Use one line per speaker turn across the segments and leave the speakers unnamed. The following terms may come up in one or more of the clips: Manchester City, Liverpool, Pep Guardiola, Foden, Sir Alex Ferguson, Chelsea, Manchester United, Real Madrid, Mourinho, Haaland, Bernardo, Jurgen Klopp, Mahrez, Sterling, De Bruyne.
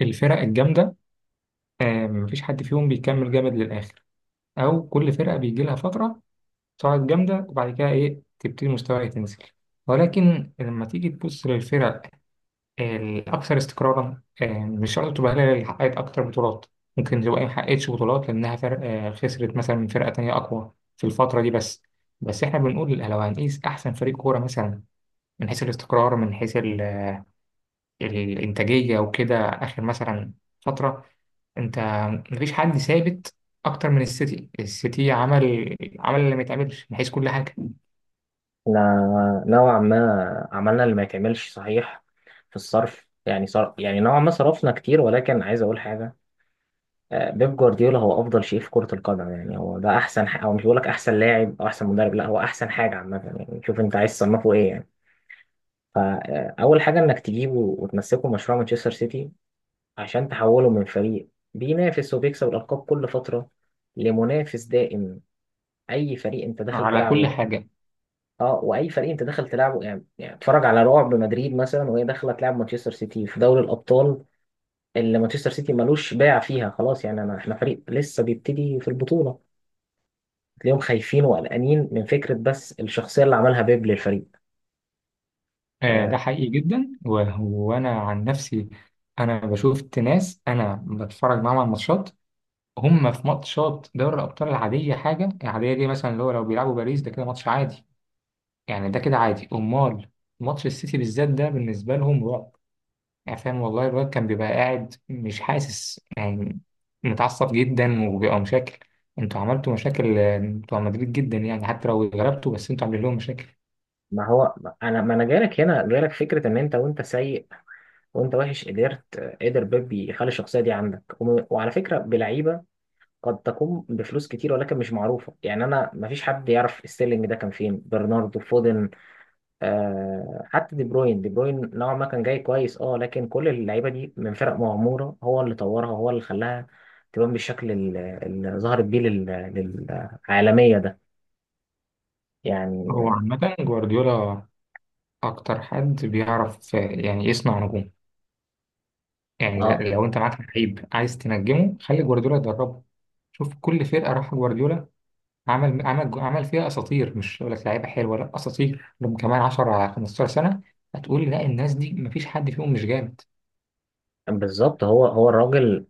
الفرق الجامدة، مفيش حد فيهم بيكمل جامد للآخر، أو كل فرقة بيجي لها فترة صاعد جامدة وبعد كده تبتدي مستواها تنزل. ولكن لما تيجي تبص للفرق الأكثر استقرارا، مش شرط تبقى هي اللي حققت أكتر بطولات. ممكن تبقى هي ما حققتش بطولات لأنها فرق خسرت مثلا من فرقة تانية أقوى في الفترة دي. بس إحنا بنقول لو هنقيس أحسن فريق كورة مثلا، من حيث الاستقرار، من حيث الإنتاجية وكده. آخر مثلا فترة انت مفيش حد ثابت اكتر من السيتي عمل اللي ما يتعملش من حيث كل حاجه،
احنا نوعا ما عملنا اللي ما يتعملش صحيح في الصرف، يعني يعني نوعا ما صرفنا كتير، ولكن عايز اقول حاجه. بيب جوارديولا هو افضل شيء في كره القدم، يعني هو ده احسن او مش بقول لك احسن لاعب او احسن مدرب، لا هو احسن حاجه عامه، يعني شوف انت عايز تصنفه ايه يعني. فاول حاجه انك تجيبه وتمسكه مشروع مانشستر سيتي عشان تحوله من فريق بينافس وبيكسب الالقاب كل فتره لمنافس دائم اي فريق انت داخل
على كل
تلعبه.
حاجه.
اه واي فريق انت داخل تلعبه يعني اتفرج على رعب مدريد مثلا وهي داخله تلعب مانشستر سيتي في دوري الابطال، اللي مانشستر سيتي ملوش باع فيها خلاص، يعني انا احنا فريق لسه بيبتدي في البطوله، تلاقيهم خايفين وقلقانين من فكره، بس الشخصيه اللي عملها بيب للفريق.
آه، ده
آه،
حقيقي جدا وانا عن نفسي، انا بشوف ناس انا بتفرج معاهم على الماتشات، هم في ماتشات دوري الابطال العاديه، حاجه العاديه دي مثلا اللي هو لو بيلعبوا باريس ده كده ماتش عادي، يعني ده كده عادي. امال ماتش السيتي بالذات ده بالنسبه لهم رعب. يعني فاهم، والله الواد كان بيبقى قاعد مش حاسس، يعني متعصب جدا وبيبقى مشاكل. انتوا عملتوا مشاكل، بتوع مدريد جدا، يعني حتى لو غلبتوا بس انتوا عاملين لهم مشاكل.
ما هو ما انا جايلك هنا جايلك فكره ان انت وانت سيء وانت وحش، قدر بيب يخلي الشخصيه دي عندك، وعلى فكره بلعيبه قد تقوم بفلوس كتير، ولكن مش معروفه، يعني انا ما فيش حد يعرف ستيرلينج، ده كان فين برناردو فودن، آه حتى دي بروين نوعا ما كان جاي كويس. اه لكن كل اللعيبه دي من فرق مغموره، هو اللي طورها، هو اللي خلاها تبان بالشكل اللي ظهرت بيه للعالميه ده،
هو
يعني.
عامة جوارديولا أكتر حد بيعرف، يعني يصنع نجوم. يعني
اه،
لو أنت معاك لعيب عايز تنجمه خلي جوارديولا يدربه. شوف كل فرقة راح جوارديولا عمل فيها أساطير. مش أقول لك لعيبة حلوة، لا أساطير لهم كمان 10 15 سنة. هتقول لا، الناس دي مفيش حد فيهم مش جامد.
بالظبط، هو الراجل،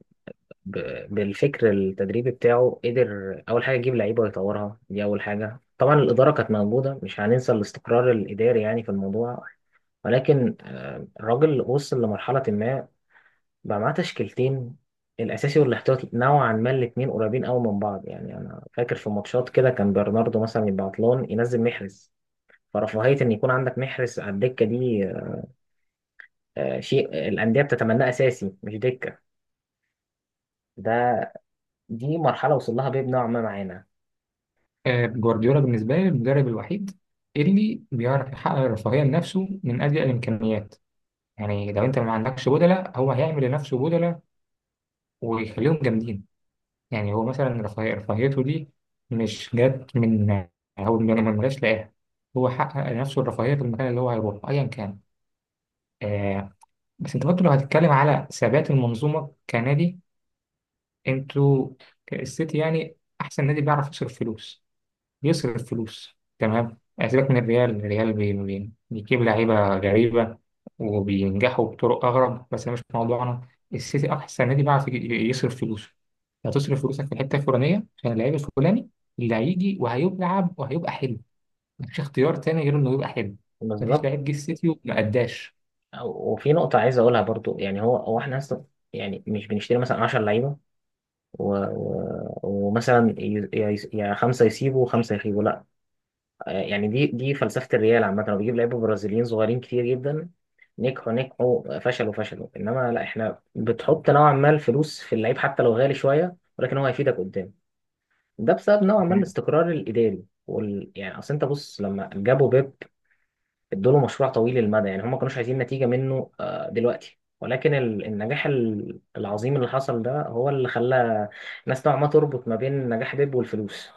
بالفكر التدريبي بتاعه قدر اول حاجه يجيب لعيبه ويطورها، دي اول حاجه. طبعا الاداره كانت موجوده، مش هننسى الاستقرار الاداري يعني في الموضوع، ولكن الراجل وصل لمرحله ما بقى معاه تشكيلتين، الاساسي والاحتياطي، نوعا ما الاثنين قريبين قوي من بعض. يعني انا فاكر في ماتشات كده كان برناردو مثلا يبقى عطلان ينزل محرز، فرفاهية ان يكون عندك محرز على الدكة دي، شيء الاندية بتتمناه اساسي مش دكة ده. دي مرحلة وصل لها بيب نوعا ما معانا.
آه، جوارديولا بالنسبة لي المدرب الوحيد اللي بيعرف يحقق الرفاهية لنفسه من أجل الإمكانيات. يعني لو أنت ما عندكش بدلة هو هيعمل لنفسه بدلة ويخليهم جامدين. يعني هو مثلا رفاهية، رفاهيته دي مش جت من، هو من ما جاش لاقاها، هو حقق لنفسه الرفاهية في المكان اللي هو هيروحه أيا كان. آه، بس أنت برضه لو هتتكلم على ثبات المنظومة كنادي، أنتوا السيتي يعني أحسن نادي بيعرف يصرف فلوس. بيصرف فلوس تمام. سيبك من الريال، الريال بي بي بيجيب لعيبة غريبة وبينجحوا بطرق أغرب، بس ده مش موضوعنا. السيتي أحسن نادي بيعرف يصرف فلوسه. هتصرف فلوسك في الحتة الفلانية عشان اللعيب الفلاني اللي هيجي وهيلعب وهيبقى حلو. مفيش اختيار تاني غير إنه يبقى حلو. مفيش
بالظبط.
لعيب جه السيتي وما أداش.
وفي نقطة عايز اقولها برضو، يعني هو احنا أصلاً يعني مش بنشتري مثلا 10 لعيبة ومثلا يا خمسة يسيبوا وخمسة يخيبوا، لا. يعني دي فلسفة الريال عامة، هو بيجيب لعيبة برازيليين صغيرين كتير جدا، نجحوا نجحوا، فشلوا فشلوا. انما لا، احنا بتحط نوعا ما الفلوس في اللعيب حتى لو غالي شوية، ولكن هو هيفيدك قدام، ده بسبب نوعا ما الاستقرار الإداري يعني اصل انت بص لما جابوا بيب ادوا له مشروع طويل المدى، يعني هم ما كانوش عايزين نتيجة منه دلوقتي، ولكن النجاح العظيم اللي حصل ده هو اللي خلى الناس نوعا ما تربط ما بين نجاح بيب والفلوس.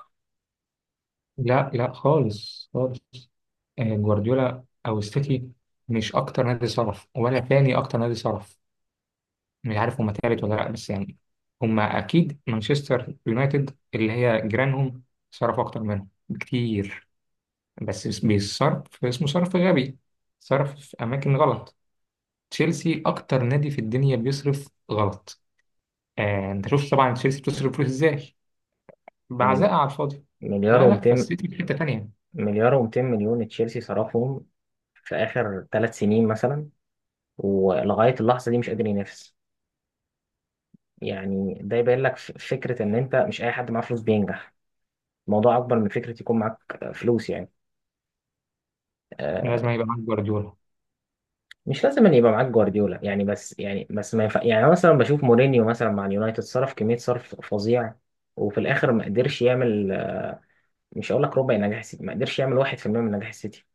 لا لا، خالص خالص. آه، جوارديولا أو السيتي مش أكتر نادي صرف، ولا تاني أكتر نادي صرف، مش عارف هما تالت ولا لأ، بس يعني هما أكيد. مانشستر يونايتد اللي هي جيرانهم صرف أكتر منهم بكتير، بس بيصرف، اسمه صرف غبي، صرف في أماكن غلط. تشيلسي أكتر نادي في الدنيا بيصرف غلط. آه أنت شفت طبعا تشيلسي بتصرف فلوس إزاي، بعزاء
مل-
على الفاضي.
مليار
لا لا،
و200
فالسيتي في حتة تانية.
مليار و200 مليون تشيلسي صرفهم في آخر 3 سنين مثلا، ولغاية اللحظة دي مش قادر ينافس. يعني ده يبين لك فكرة إن أنت مش أي حد معاه فلوس بينجح، الموضوع أكبر من فكرة يكون معاك فلوس يعني.
لازم
آه،
يبقى معاك جوارديولا.
مش لازم أن يبقى معاك جوارديولا يعني، بس يعني بس ما ينفع. يعني أنا مثلا بشوف مورينيو مثلا مع اليونايتد صرف كمية، صرف فظيع وفي الآخر ما قدرش يعمل، مش هقول لك ربع نجاح السيتي، ما قدرش يعمل 1% من نجاح السيتي،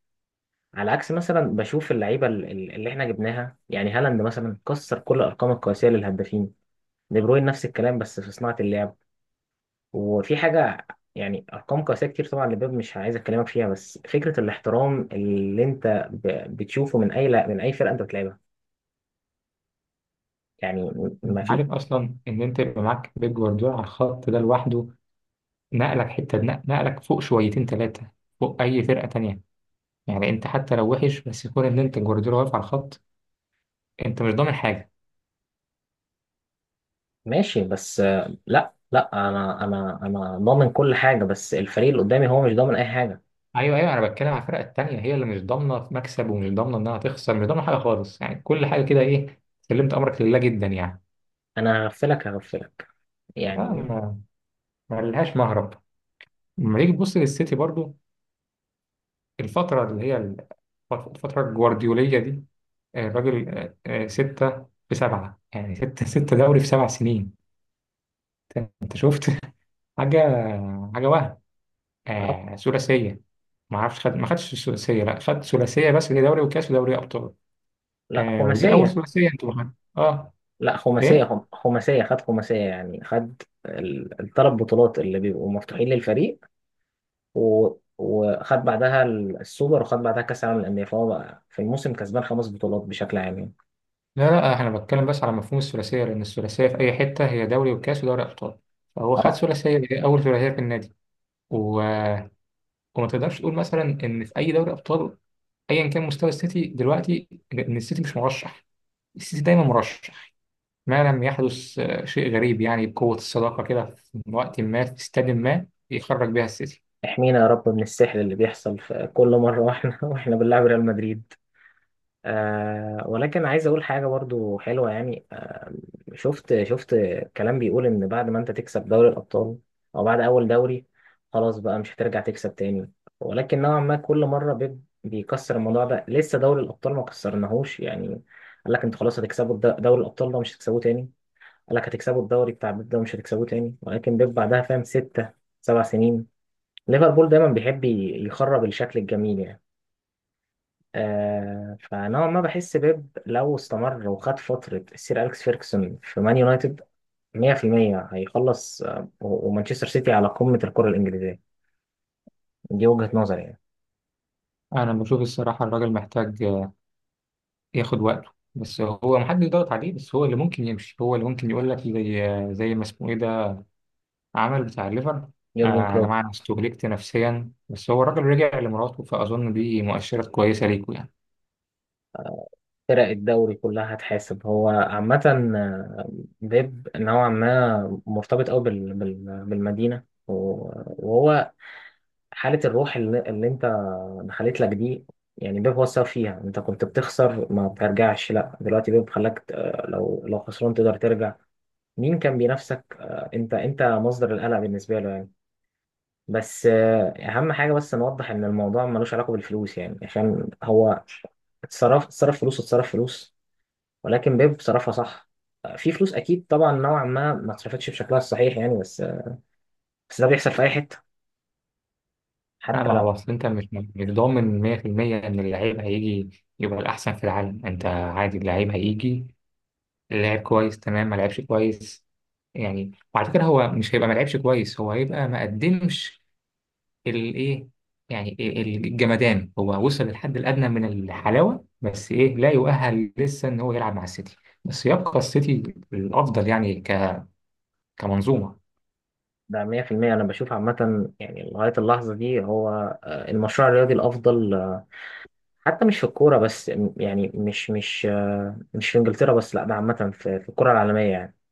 على عكس مثلا بشوف اللعيبه اللي احنا جبناها، يعني هالاند مثلا كسر كل الارقام القياسيه للهدافين، دي بروين نفس الكلام بس في صناعه اللعب وفي حاجه، يعني ارقام قياسيه كتير طبعا لبيب مش عايز اكلمك فيها، بس فكره الاحترام اللي انت بتشوفه من اي من اي فرقه انت بتلعبها، يعني
أنت
ما في.
عارف أصلا إن أنت يبقى معاك بيب جوارديولا على الخط ده لوحده، نقلك حتة، نقلك فوق شويتين تلاتة فوق أي فرقة تانية. يعني انت حتى لو وحش بس يكون ان انت جوارديولا واقف على الخط، انت مش ضامن حاجه.
ماشي بس لا لا، انا انا ضامن كل حاجه، بس الفريق اللي قدامي هو مش ضامن اي حاجه.
ايوه ايوه، انا بتكلم على الفرق التانيه هي اللي مش ضامنه مكسب ومش ضامنه انها تخسر، مش ضامنه حاجه خالص، يعني كل حاجه كده، ايه، سلمت امرك لله جدا يعني.
انا هغفلك
آه،
يعني.
ما ما لهاش مهرب. لما نيجي تبص للسيتي برضو، الفتره اللي هي الفتره الجوارديوليه دي، آه، الراجل ستة في سبعة، يعني ستة دوري في سبع سنين. أنت شفت حاجة، حاجة وهم. آه ثلاثية، ما اعرفش خد، ما خدش الثلاثيه، لا خد ثلاثيه بس اللي هي دوري وكاس ودوري ابطال.
لا
آه، ودي اول
خماسيه،
ثلاثيه انتوا معانا. اه،
لا خماسية،
ايه،
خماسية، خد خماسية، يعني خد الثلاث بطولات اللي بيبقوا مفتوحين للفريق، و... وخد بعدها السوبر، وخد بعدها كأس العالم للأندية، فهو بقى في الموسم كسبان خمس بطولات بشكل عام يعني.
لا لا، انا بتكلم بس على مفهوم الثلاثيه، لان الثلاثيه في اي حته هي دوري وكاس ودوري ابطال، فهو خد
اه
ثلاثيه، دي اول ثلاثيه في النادي. و... وما تقدرش تقول مثلا ان في اي دوري ابطال، ايا كان مستوى السيتي دلوقتي، ان السيتي مش مرشح. السيتي دايما مرشح، ما لم يحدث، آه، شيء غريب، يعني بقوه الصداقه كده في وقت ما في استاد ما، يخرج بيها السيتي.
احمينا يا رب من السحر اللي بيحصل في كل مرة واحنا واحنا بنلعب ريال مدريد. ولكن عايز اقول حاجة برضو حلوة يعني، شفت شفت كلام بيقول ان بعد ما انت تكسب دوري الابطال او بعد اول دوري خلاص بقى مش هترجع تكسب تاني، ولكن نوعا ما كل مره بيب بيكسر الموضوع ده، لسه دوري الابطال ما كسرناهوش يعني. قال لك انتوا خلاص هتكسبوا دوري الابطال، ده مش هتكسبوه تاني. قال لك هتكسبوا الدوري بتاع بيب، ده مش هتكسبوه تاني، ولكن بيب بعدها فاهم. ستة 7 سنين ليفربول دايما بيحب يخرب الشكل الجميل يعني. فنوعا ما بحس بيب لو استمر وخد فترة السير أليكس فيركسون في مان يونايتد، 100% هيخلص، ومانشستر سيتي على قمة الكرة الإنجليزية، دي وجهة نظري يعني.
انا بشوف الصراحه الراجل محتاج ياخد وقته، بس هو محدش ضغط عليه، بس هو اللي ممكن يمشي، هو اللي ممكن يقول لك زي زي ما اسمه ايه ده، عمل بتاع الليفر.
يورجن
آه. يا
كلوب،
جماعه، انا استهلكت نفسيا، بس هو الراجل رجع لمراته فاظن دي مؤشرات كويسه ليكوا يعني.
فرق الدوري كلها هتحاسب هو عامة. آه، بيب نوعا ما مرتبط أوي بالمدينة، وهو حالة الروح اللي أنت دخلت لك دي، يعني بيب هو السبب فيها. أنت كنت بتخسر ما بترجعش، لا، دلوقتي بيب خلاك لو خسران تقدر ترجع. مين كان بينافسك؟ أنت مصدر القلق بالنسبة له يعني. بس اهم حاجه بس نوضح ان الموضوع ملوش علاقه بالفلوس، يعني عشان هو اتصرف فلوس، ولكن بيب صرفها صح. في فلوس اكيد طبعا نوعا ما ما اتصرفتش بشكلها الصحيح، يعني بس بس ده بيحصل في اي حته،
لا،
حتى
ما هو
لو.
اصل انت مش ضامن 100% ان اللعيب هيجي، يبقى الاحسن في العالم، انت عادي اللعيب هيجي لعب كويس تمام، ما لعبش كويس. يعني وعلى فكره هو مش هيبقى ما لعبش كويس، هو هيبقى ما قدمش الايه، يعني الجمدان هو وصل للحد الادنى من الحلاوه، بس ايه، لا يؤهل لسه ان هو يلعب مع السيتي. بس يبقى السيتي الافضل، يعني كمنظومه.
ده 100% انا بشوف عامه يعني لغايه اللحظه دي هو المشروع الرياضي الافضل، حتى مش في الكوره بس، يعني مش في انجلترا بس، لا ده عامه في الكره العالميه يعني.